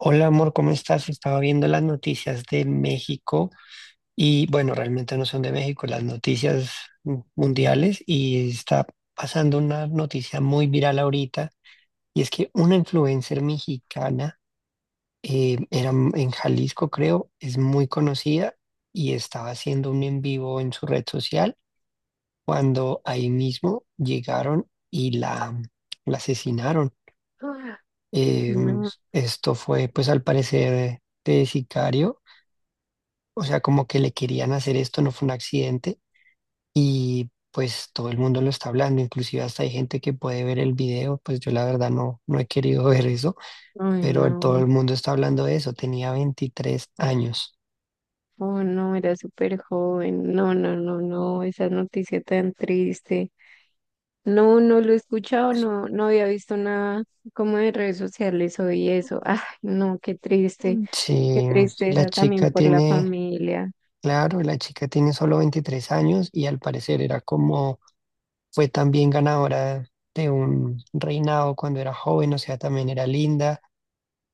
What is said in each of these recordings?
Hola amor, ¿cómo estás? Estaba viendo las noticias de México y bueno, realmente no son de México, las noticias mundiales y está pasando una noticia muy viral ahorita, y es que una influencer mexicana, era en Jalisco creo, es muy conocida y estaba haciendo un en vivo en su red social cuando ahí mismo llegaron y la, la asesinaron. Ah, Em, No, Esto fue, pues, al parecer de sicario. O sea, como que le querían hacer esto, no fue un accidente, y pues todo el mundo lo está hablando, inclusive hasta hay gente que puede ver el video. Pues yo la verdad no, no he querido ver eso, ay, pero todo no, el mundo está hablando de eso. Tenía 23 años. oh, no, era súper joven. No, no, no, no, esa noticia tan triste. No, no lo he escuchado, no, no había visto nada como de redes sociales hoy eso. Ay, no, qué triste, Mm. qué Sí, la tristeza también chica por la tiene, familia. claro, la chica tiene solo 23 años y al parecer era como, fue también ganadora de un reinado cuando era joven, o sea, también era linda.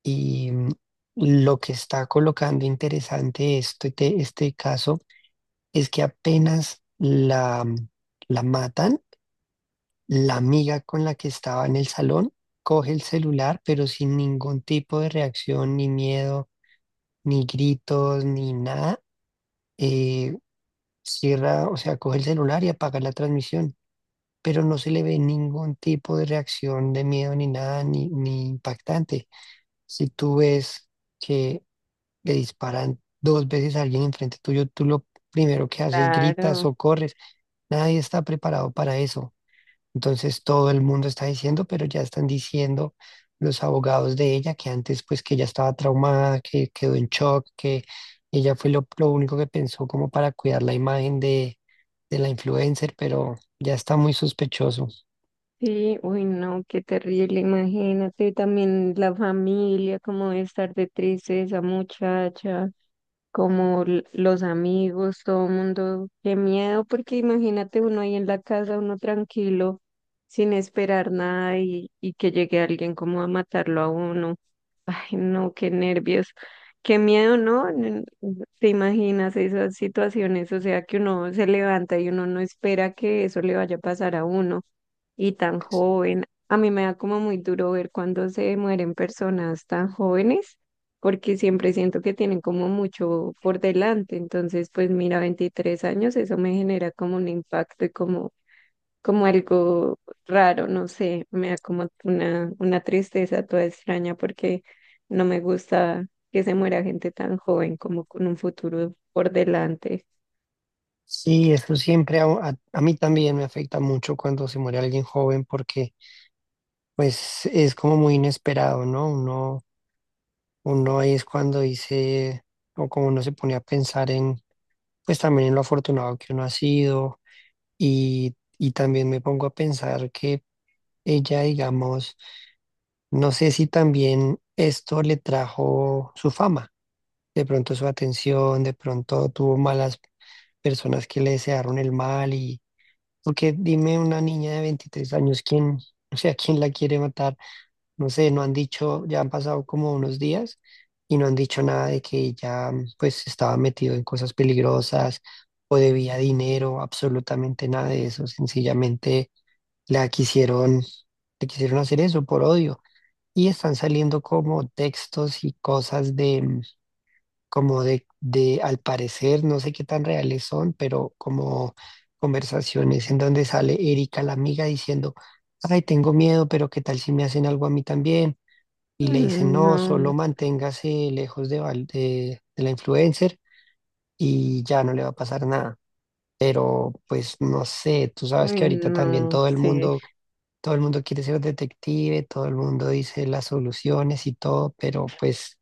Y lo que está colocando interesante este caso es que apenas la, la matan, la amiga con la que estaba en el salón coge el celular, pero sin ningún tipo de reacción, ni miedo, ni gritos, ni nada. eh, Cierra, o sea, coge el celular y apaga la transmisión, pero no se le ve ningún tipo de reacción de miedo, ni nada, ni impactante. Si tú ves que le disparan dos veces a alguien enfrente tuyo, tú lo primero que haces, gritas Claro, o corres. Nadie está preparado para eso. Entonces todo el mundo está diciendo, pero ya están diciendo los abogados de ella que antes, pues que ella estaba traumada, que quedó en shock, que ella fue lo único que pensó como para cuidar la imagen de la influencer, pero ya está muy sospechoso. sí, uy, no, qué terrible, imagínate también la familia, cómo debe estar de triste esa muchacha. Como los amigos, todo el mundo, qué miedo, porque imagínate uno ahí en la casa, uno tranquilo, sin esperar nada y que llegue alguien como a matarlo a uno. Ay, no, qué nervios, qué miedo, ¿no? ¿Te imaginas esas situaciones? O sea, que uno se levanta y uno no espera que eso le vaya a pasar a uno y tan joven. A mí me da como muy duro ver cuando se mueren personas tan jóvenes, porque siempre siento que tienen como mucho por delante. Entonces, pues mira, 23 años, eso me genera como un impacto y como, como algo raro, no sé, me da como una tristeza toda extraña porque no me gusta que se muera gente tan joven como con un futuro por delante. Sí, eso siempre a mí también me afecta mucho cuando se muere alguien joven, porque pues es como muy inesperado, ¿no? Uno ahí es cuando dice, o como uno se pone a pensar en, pues también en lo afortunado que uno ha sido, y también me pongo a pensar que ella, digamos, no sé si también esto le trajo su fama, de pronto su atención, de pronto tuvo malas personas que le desearon el mal, y porque dime una niña de 23 años, ¿quién, o sea, quién la quiere matar? No sé, no han dicho, ya han pasado como unos días y no han dicho nada de que ya pues estaba metido en cosas peligrosas o debía dinero, absolutamente nada de eso. Sencillamente la quisieron, le quisieron hacer eso por odio, y están saliendo como textos y cosas de como de al parecer, no sé qué tan reales son, pero como conversaciones en donde sale Erika la amiga diciendo: "Ay, tengo miedo, pero ¿qué tal si me hacen algo a mí también?" Y le dicen: Mm, "No, solo No, manténgase lejos de, de la influencer y ya no le va a pasar nada". Pero pues no sé, tú sabes uy, que ahorita también no, sí. Todo el mundo quiere ser detective, todo el mundo dice las soluciones y todo, pero pues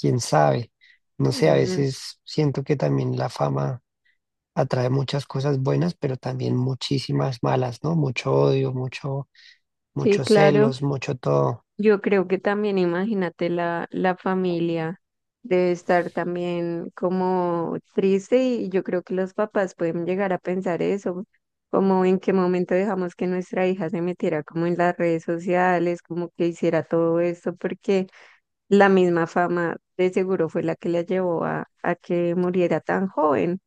quién sabe. No sé, a No. veces siento que también la fama atrae muchas cosas buenas, pero también muchísimas malas, ¿no? Mucho odio, mucho, Sí, muchos claro. celos, mucho todo. Yo creo que también, imagínate, la familia debe estar también como triste y yo creo que los papás pueden llegar a pensar eso, como en qué momento dejamos que nuestra hija se metiera como en las redes sociales, como que hiciera todo esto, porque la misma fama de seguro fue la que la llevó a que muriera tan joven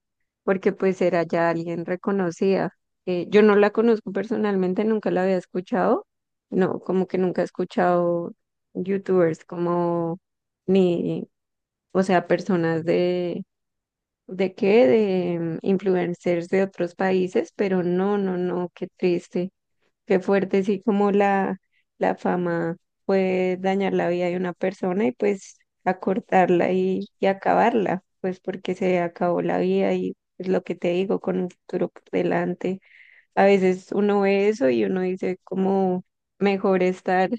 porque pues era ya alguien reconocida. Yo no la conozco personalmente, nunca la había escuchado, no, como que nunca he escuchado youtubers como ni, o sea, personas ¿de qué? De influencers de otros países, pero no, no, no, qué triste. Qué fuerte, sí, como la fama puede dañar la vida de una persona y pues acortarla y acabarla, pues porque se acabó la vida y es lo que te digo, con un futuro por delante. A veces uno ve eso y uno dice como mejor estar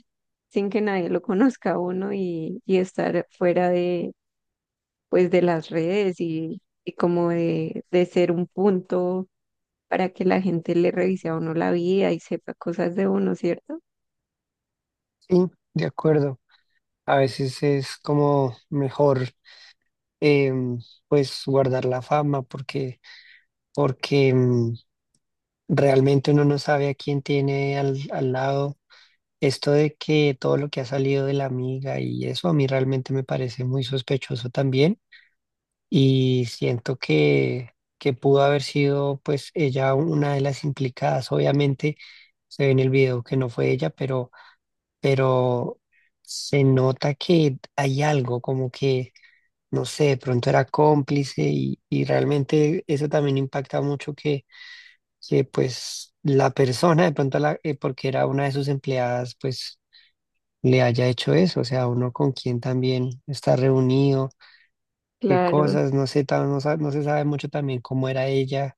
sin que nadie lo conozca a uno y estar fuera de, pues de las redes y como de ser un punto para que la gente le revise a uno la vida y sepa cosas de uno, ¿cierto? Sí, de acuerdo. A veces es como mejor em, pues guardar la fama, porque, porque realmente uno no sabe a quién tiene al lado. Esto de que todo lo que ha salido de la amiga y eso a mí realmente me parece muy sospechoso también, y siento que pudo haber sido pues ella una de las implicadas. Obviamente se ve en el video que no fue ella, pero se nota que hay algo como que no sé, de pronto era cómplice y realmente eso también impacta mucho que pues la persona de pronto, la, porque era una de sus empleadas, pues le haya hecho eso, o sea, uno con quien también está reunido, qué Claro, cosas, no sé, no, no se sabe mucho también cómo era ella.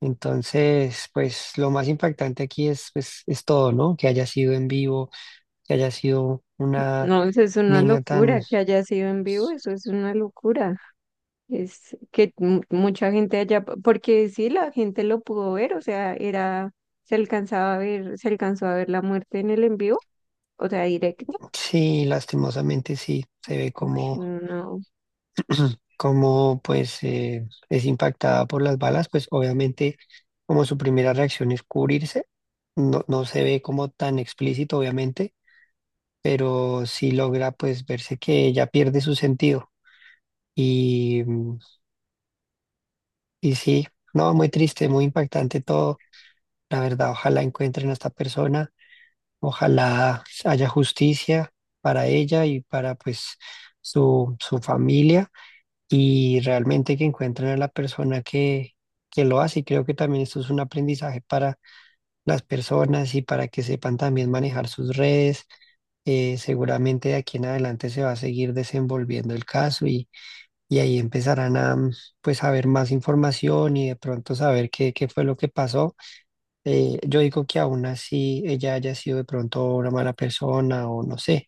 Entonces, pues lo más impactante aquí es, pues, es todo, ¿no? Que haya sido en vivo, que haya sido una no, eso es una niña tan, locura que haya sido en vivo, eso es una locura. Es que mucha gente allá, porque sí, la gente lo pudo ver, o sea, era, se alcanzaba a ver, se alcanzó a ver la muerte en el en vivo, o sea, directo. sí, lastimosamente sí, se ve Uy, como no, pues es impactada por las balas. Pues obviamente como su primera reacción es cubrirse, no, no se ve como tan explícito obviamente, pero sí logra pues verse que ella pierde su sentido y, y sí, no, muy triste, muy impactante todo, la verdad. Ojalá encuentren a esta persona, ojalá haya justicia para ella y para pues su familia, y realmente que encuentren a la persona que lo hace. Y creo que también esto es un aprendizaje para las personas y para que sepan también manejar sus redes. Seguramente de aquí en adelante se va a seguir desenvolviendo el caso y ahí empezarán a pues a ver más información y de pronto saber qué, qué fue lo que pasó. Yo digo que aún así ella haya sido de pronto una mala persona o no sé,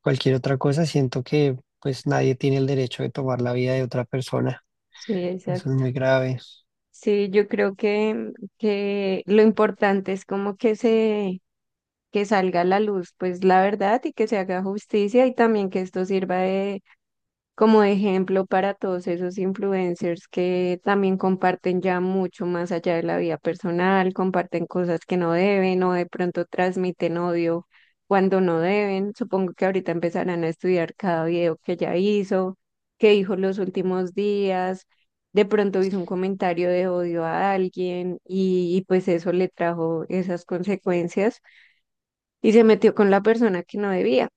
cualquier otra cosa, siento que pues nadie tiene el derecho de tomar la vida de otra persona. sí, Eso es exacto. muy grave. Sí, yo creo que lo importante es como que se, que salga a la luz, pues la verdad y que se haga justicia y también que esto sirva como ejemplo para todos esos influencers que también comparten ya mucho más allá de la vida personal, comparten cosas que no deben o de pronto transmiten odio cuando no deben. Supongo que ahorita empezarán a estudiar cada video que ya hizo, que dijo los últimos días. De pronto hizo un comentario de odio a alguien y pues eso le trajo esas consecuencias y se metió con la persona que no debía.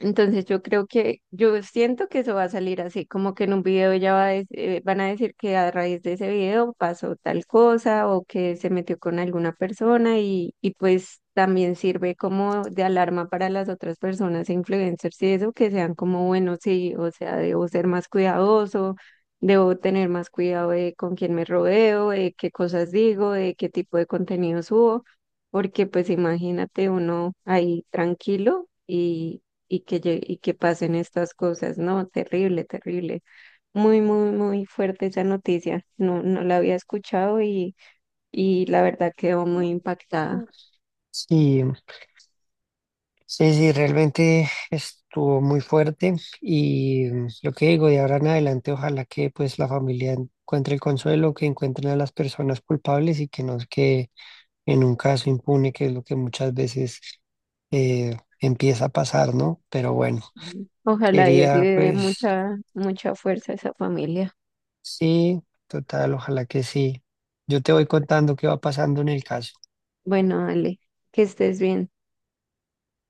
Entonces yo creo que, yo siento que eso va a salir así, como que en un video ya van a decir que a raíz de ese video pasó tal cosa o que se metió con alguna persona y pues también sirve como de alarma para las otras personas, e influencers y eso, que sean como, bueno, sí, o sea, debo ser más cuidadoso, debo tener más cuidado de con quién me rodeo, de qué cosas digo, de qué tipo de contenido subo, porque pues imagínate uno ahí tranquilo. Y que pasen estas cosas, ¿no? Terrible, terrible. Muy, muy, muy fuerte esa noticia. No, no la había escuchado y la verdad quedó muy impactada. Sí, sí, sí, realmente estuvo muy fuerte y, lo que digo, de ahora en adelante, ojalá que pues la familia encuentre el consuelo, que encuentren a las personas culpables y que no se quede en un caso impune, que es lo que muchas veces empieza a pasar, ¿no? Pero bueno, Sí. Ojalá Dios quería le dé pues mucha, mucha fuerza a esa familia. sí, total, ojalá que sí. Yo te voy contando qué va pasando en el caso. Bueno, Ale, que estés bien.